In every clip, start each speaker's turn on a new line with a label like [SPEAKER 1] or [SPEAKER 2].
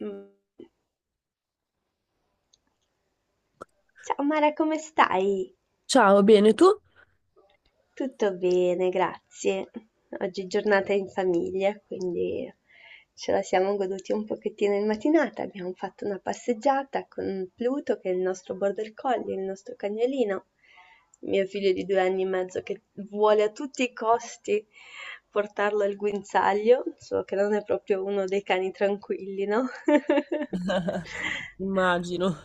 [SPEAKER 1] Mm. Ciao Mara, come stai?
[SPEAKER 2] Ciao, bene tu?
[SPEAKER 1] Tutto bene, grazie. Oggi è giornata in famiglia, quindi ce la siamo goduti un pochettino in mattinata. Abbiamo fatto una passeggiata con Pluto, che è il nostro border collie, il nostro cagnolino, mio figlio di 2 anni e mezzo che vuole a tutti i costi portarlo al guinzaglio, solo che non è proprio uno dei cani tranquilli, no?
[SPEAKER 2] Immagino,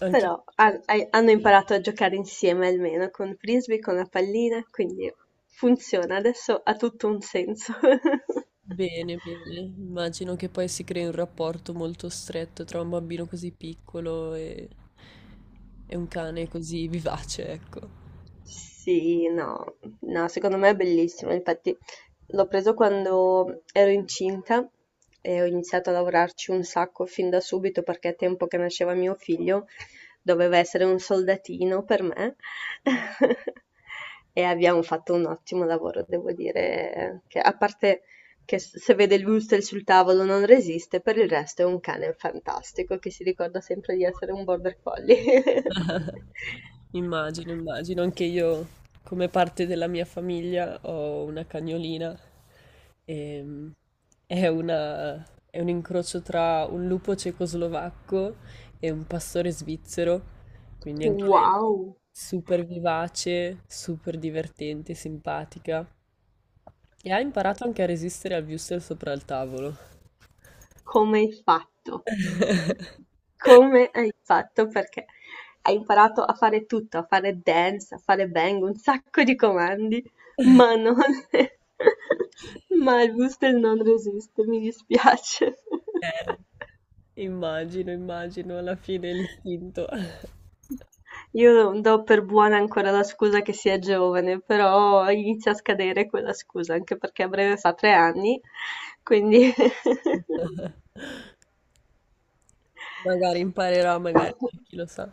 [SPEAKER 2] anche
[SPEAKER 1] Però hanno imparato a giocare insieme almeno con frisbee, con la pallina, quindi funziona, adesso ha tutto un senso.
[SPEAKER 2] bene, bene. Immagino che poi si crei un rapporto molto stretto tra un bambino così piccolo e un cane così vivace, ecco.
[SPEAKER 1] Sì, no, no, secondo me è bellissimo. Infatti l'ho preso quando ero incinta e ho iniziato a lavorarci un sacco fin da subito perché a tempo che nasceva mio figlio doveva essere un soldatino per me. E abbiamo fatto un ottimo lavoro, devo dire, che a parte che se vede il Wurzel sul tavolo non resiste, per il resto è un cane fantastico che si ricorda sempre di essere un border collie.
[SPEAKER 2] Immagino, immagino. Anche io, come parte della mia famiglia, ho una cagnolina. Ehm, è una- è un incrocio tra un lupo cecoslovacco e un pastore svizzero. Quindi anche lei
[SPEAKER 1] Wow!
[SPEAKER 2] super vivace, super divertente, simpatica. E ha imparato anche a resistere al wurstel sopra il tavolo.
[SPEAKER 1] Come hai fatto? Come hai fatto? Perché hai imparato a fare tutto, a fare dance, a fare bang, un sacco di comandi, ma non... ma il whistle non resiste, mi dispiace.
[SPEAKER 2] Immagino, immagino, alla fine l'istinto.
[SPEAKER 1] Io do per buona ancora la scusa che sia giovane, però inizia a scadere quella scusa, anche perché a breve fa 3 anni, quindi...
[SPEAKER 2] Magari imparerò, magari, chi lo sa.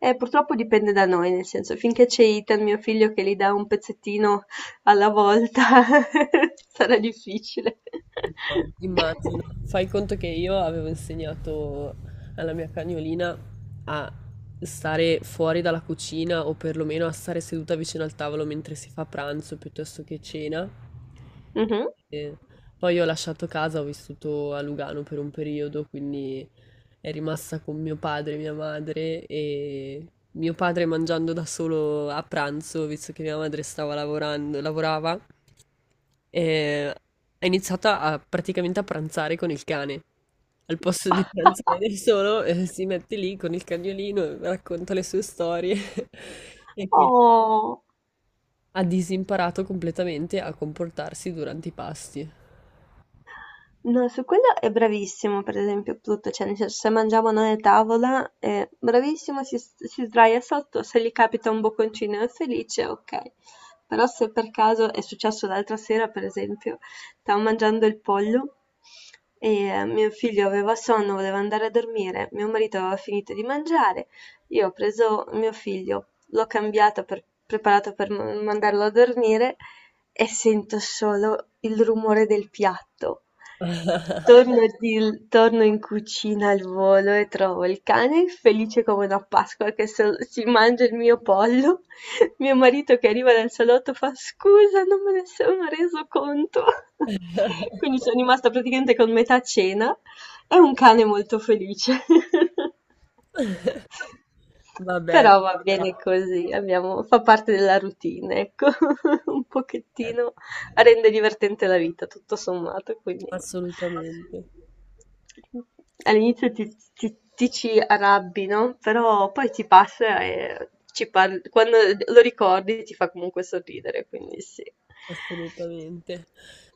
[SPEAKER 1] Purtroppo dipende da noi, nel senso, finché c'è Ethan, mio figlio, che gli dà un pezzettino alla volta, sarà difficile.
[SPEAKER 2] No, immagino, fai conto che io avevo insegnato alla mia cagnolina a stare fuori dalla cucina o perlomeno a stare seduta vicino al tavolo mentre si fa pranzo piuttosto che cena.
[SPEAKER 1] Mhm.
[SPEAKER 2] E poi ho lasciato casa, ho vissuto a Lugano per un periodo, quindi è rimasta con mio padre e mia madre e mio padre mangiando da solo a pranzo, visto che mia madre stava lavorando, lavorava. E è iniziata a praticamente a pranzare con il cane. Al posto di pranzare da solo, si mette lì con il cagnolino, e racconta le sue storie e quindi
[SPEAKER 1] Oh.
[SPEAKER 2] ha disimparato completamente a comportarsi durante i pasti.
[SPEAKER 1] No, su quello è bravissimo, per esempio, Pluto, cioè nel senso, se mangiamo noi a tavola è bravissimo, si sdraia sotto, se gli capita un bocconcino è felice, ok. Però se per caso è successo l'altra sera, per esempio, stavo mangiando il pollo e mio figlio aveva sonno, voleva andare a dormire, mio marito aveva finito di mangiare, io ho preso mio figlio, l'ho cambiato per preparato per mandarlo a dormire e sento solo il rumore del piatto. Torno, torno in cucina al volo e trovo il cane felice come una Pasqua che si mangia il mio pollo. Mio marito che arriva dal salotto fa scusa, non me ne sono reso conto. Quindi sono rimasta praticamente con metà cena è un cane molto felice.
[SPEAKER 2] Vabbè,
[SPEAKER 1] Però va bene così, abbiamo fa parte della routine, ecco. Un pochettino rende divertente la vita, tutto sommato, quindi
[SPEAKER 2] assolutamente.
[SPEAKER 1] all'inizio ti ci arrabbi, no? Però poi ti passa e ci parli, quando lo ricordi ti fa comunque sorridere, quindi sì.
[SPEAKER 2] Assolutamente.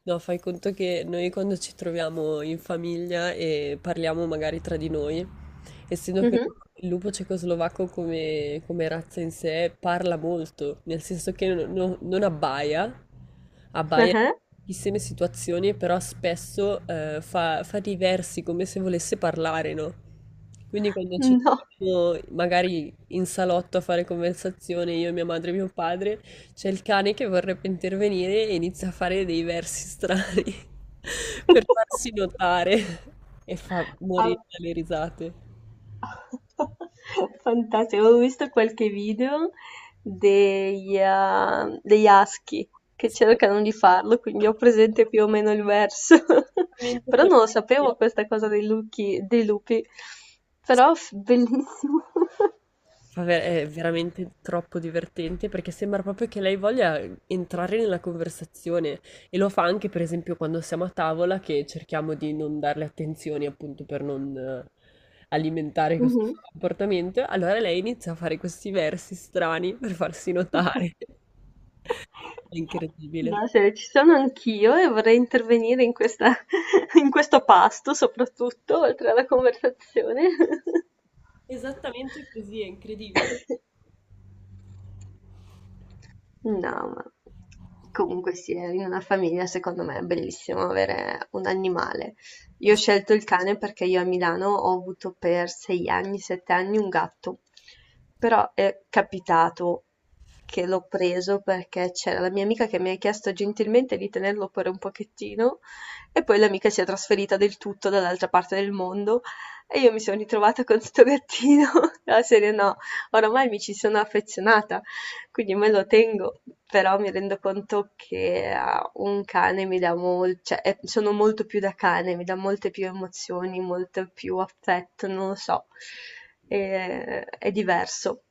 [SPEAKER 2] No, fai conto che noi quando ci troviamo in famiglia e parliamo magari tra di noi, essendo che
[SPEAKER 1] Mhm,
[SPEAKER 2] il lupo cecoslovacco come, come razza in sé parla molto, nel senso che non abbaia, abbaia
[SPEAKER 1] eh,
[SPEAKER 2] in pochissime situazioni, però spesso fa dei versi come se volesse parlare, no? Quindi quando ci
[SPEAKER 1] no.
[SPEAKER 2] troviamo magari in salotto a fare conversazione, io, mia madre e mio padre, c'è il cane che vorrebbe intervenire e inizia a fare dei versi strani per farsi notare e fa
[SPEAKER 1] Ah,
[SPEAKER 2] morire dalle risate.
[SPEAKER 1] fantastico, avevo visto qualche video degli husky che
[SPEAKER 2] Sì.
[SPEAKER 1] cercano di farlo, quindi ho presente più o meno il verso.
[SPEAKER 2] Esattamente
[SPEAKER 1] Però
[SPEAKER 2] quello
[SPEAKER 1] non lo
[SPEAKER 2] che-
[SPEAKER 1] sapevo questa cosa dei lupi. Però bellissimo.
[SPEAKER 2] È veramente troppo divertente perché sembra proprio che lei voglia entrare nella conversazione e lo fa anche, per esempio, quando siamo a tavola che cerchiamo di non darle attenzioni appunto per non alimentare questo
[SPEAKER 1] Mhm.
[SPEAKER 2] suo comportamento. Allora lei inizia a fare questi versi strani per farsi notare. È incredibile.
[SPEAKER 1] No, se ci sono anch'io e vorrei intervenire in questa, in questo pasto, soprattutto, oltre alla conversazione.
[SPEAKER 2] Esattamente così, è incredibile.
[SPEAKER 1] No, ma comunque sì, in una famiglia secondo me è bellissimo avere un animale. Io ho scelto il cane perché io a Milano ho avuto per 6 anni, 7 anni un gatto, però è capitato che l'ho preso perché c'era la mia amica che mi ha chiesto gentilmente di tenerlo per un pochettino e poi l'amica si è trasferita del tutto dall'altra parte del mondo e io mi sono ritrovata con sto gattino, la serie no, oramai mi ci sono affezionata. Quindi me lo tengo, però mi rendo conto che a un cane mi dà molto, cioè sono molto più da cane, mi dà molte più emozioni, molto più affetto, non lo so, è diverso.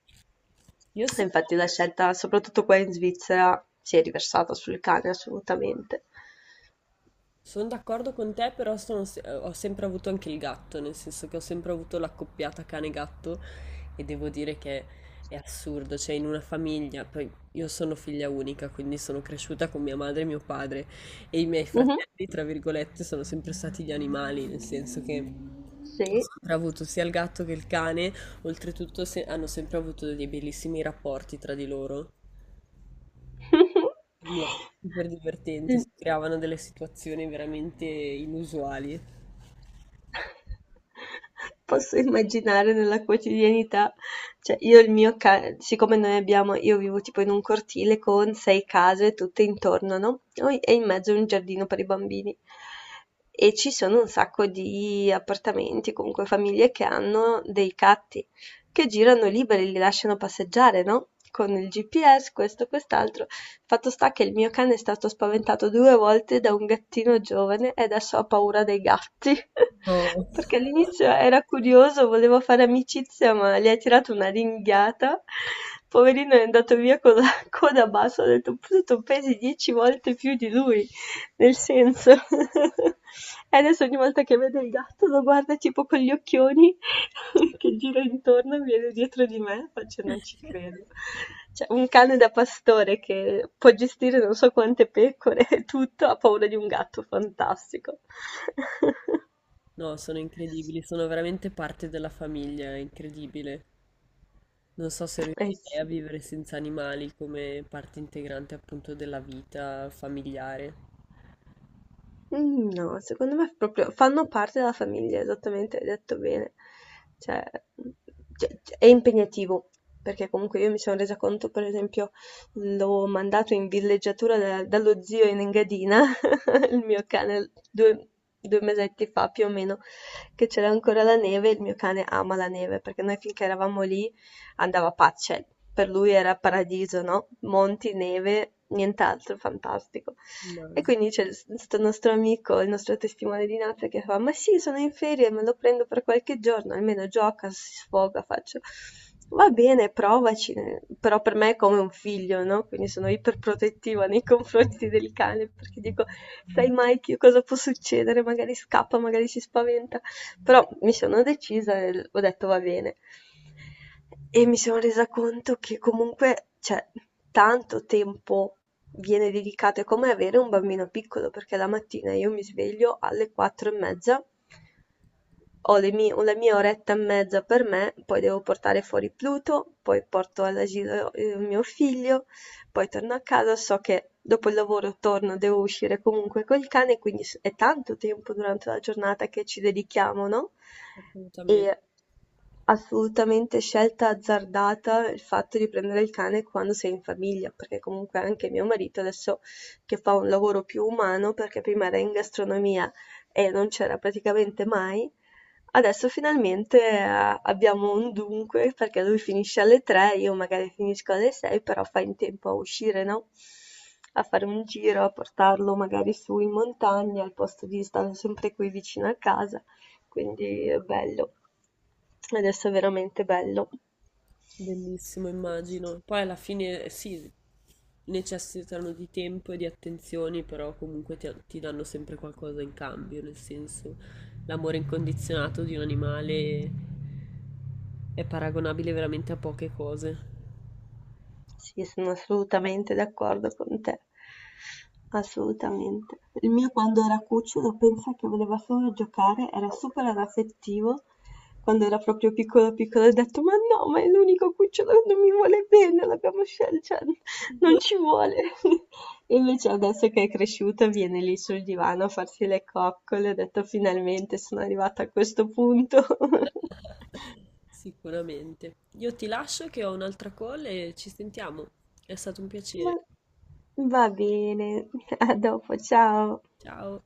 [SPEAKER 2] Io
[SPEAKER 1] E
[SPEAKER 2] sono
[SPEAKER 1] infatti la scelta, soprattutto qua in Svizzera, si è riversata sul cane assolutamente.
[SPEAKER 2] Sono d'accordo con te, però sono se- ho sempre avuto anche il gatto, nel senso che ho sempre avuto l'accoppiata cane-gatto e devo dire che è assurdo, cioè in una famiglia, poi io sono figlia unica, quindi sono cresciuta con mia madre e mio padre e i miei
[SPEAKER 1] Mhm,
[SPEAKER 2] fratelli, tra virgolette, sono sempre stati gli animali, nel senso che ho
[SPEAKER 1] sì.
[SPEAKER 2] sempre avuto sia il gatto che il cane, oltretutto se- hanno sempre avuto dei bellissimi rapporti tra di loro. Quindi era super divertente, si creavano delle situazioni veramente inusuali.
[SPEAKER 1] Posso immaginare nella quotidianità, cioè io il mio ca siccome noi abbiamo io vivo tipo in un cortile con 6 case tutte intorno, no, noi e in mezzo un giardino per i bambini. E ci sono un sacco di appartamenti, comunque famiglie che hanno dei gatti che girano liberi, li lasciano passeggiare, no, con il GPS, questo, quest'altro. Fatto sta che il mio cane è stato spaventato 2 volte da un gattino giovane e adesso ha paura dei gatti.
[SPEAKER 2] No,
[SPEAKER 1] Perché all'inizio era curioso, voleva fare amicizia, ma gli ha tirato una ringhiata. Poverino è andato via con la coda bassa, ho detto, "Pure tu pesi 10 volte più di lui". Nel senso, e adesso ogni volta che vede il gatto lo guarda tipo con gli occhioni che gira intorno e viene dietro di me, faccio non ci credo. Cioè, un cane da pastore che può gestire non so quante pecore e tutto, ha paura di un gatto, fantastico.
[SPEAKER 2] no, sono incredibili, sono veramente parte della famiglia, è incredibile. Non so se
[SPEAKER 1] Eh
[SPEAKER 2] riuscirei a
[SPEAKER 1] sì.
[SPEAKER 2] vivere senza animali come parte integrante appunto della vita familiare.
[SPEAKER 1] Mhmm, no, secondo me proprio fanno parte della famiglia, esattamente, hai detto bene. Cioè, mhmm, cioè, c è impegnativo, perché comunque io mi son resa conto, per esempio, l'ho mandato in villeggiatura da dallo zio in Engadina il mio cane due mesetti fa più o meno, che c'era ancora la neve, il mio cane ama la neve, perché noi finché eravamo lì andava pazzo, cioè, per lui era paradiso, no? Monti, neve, nient'altro, fantastico. E
[SPEAKER 2] Immagino,
[SPEAKER 1] quindi c'è questo nostro amico, il nostro testimone di Napoli, che fa: Ma sì, sono in ferie, me lo prendo per qualche giorno, almeno gioca, si sfoga, faccio. Va bene, provaci, eh." però per me è come un figlio, no? Quindi sono iperprotettiva nei confronti del cane perché dico: sai mai che cosa può succedere, magari scappa, magari si spaventa, però mi sono decisa e ho detto va bene. E mi sono resa conto che comunque, cioè, tanto tempo viene dedicato, è come avere un bambino piccolo, perché la mattina io mi sveglio alle 4:30, ho la mia oretta e mezza per me, poi devo portare fuori Pluto, poi porto all'asilo mio figlio, poi torno a casa, so che dopo il lavoro torno, devo uscire comunque col cane, quindi è tanto tempo durante la giornata che ci dedichiamo, no?
[SPEAKER 2] assolutamente,
[SPEAKER 1] E assolutamente scelta azzardata il fatto di prendere il cane quando sei in famiglia, perché comunque anche mio marito adesso che fa un lavoro più umano, perché prima era in gastronomia e non c'era praticamente mai. Adesso finalmente abbiamo un dunque, perché lui finisce alle 3, io magari finisco alle 6, però fa in tempo a uscire, no? A fare un giro, a portarlo magari su in montagna, al posto di stare sempre qui vicino a casa. Quindi è bello. Adesso è veramente bello.
[SPEAKER 2] bellissimo, immagino. Poi alla fine sì, necessitano di tempo e di attenzioni, però comunque ti, ti danno sempre qualcosa in cambio, nel senso l'amore incondizionato di un animale è paragonabile veramente a poche cose.
[SPEAKER 1] Sì, sono assolutamente d'accordo con te. Assolutamente. Il mio quando era cucciolo pensa che voleva solo giocare, era super anaffettivo. Quando era proprio piccolo piccolo ho detto, ma no, ma è l'unico cucciolo che non mi vuole bene, l'abbiamo scelto, cioè, non ci vuole. E invece adesso che è cresciuto viene lì sul divano a farsi le coccole, ho detto finalmente sono arrivata a questo punto.
[SPEAKER 2] Sicuramente. Io ti lascio che ho un'altra call e ci sentiamo. È stato un
[SPEAKER 1] Va
[SPEAKER 2] piacere.
[SPEAKER 1] va bene, a dopo, ciao.
[SPEAKER 2] Ciao.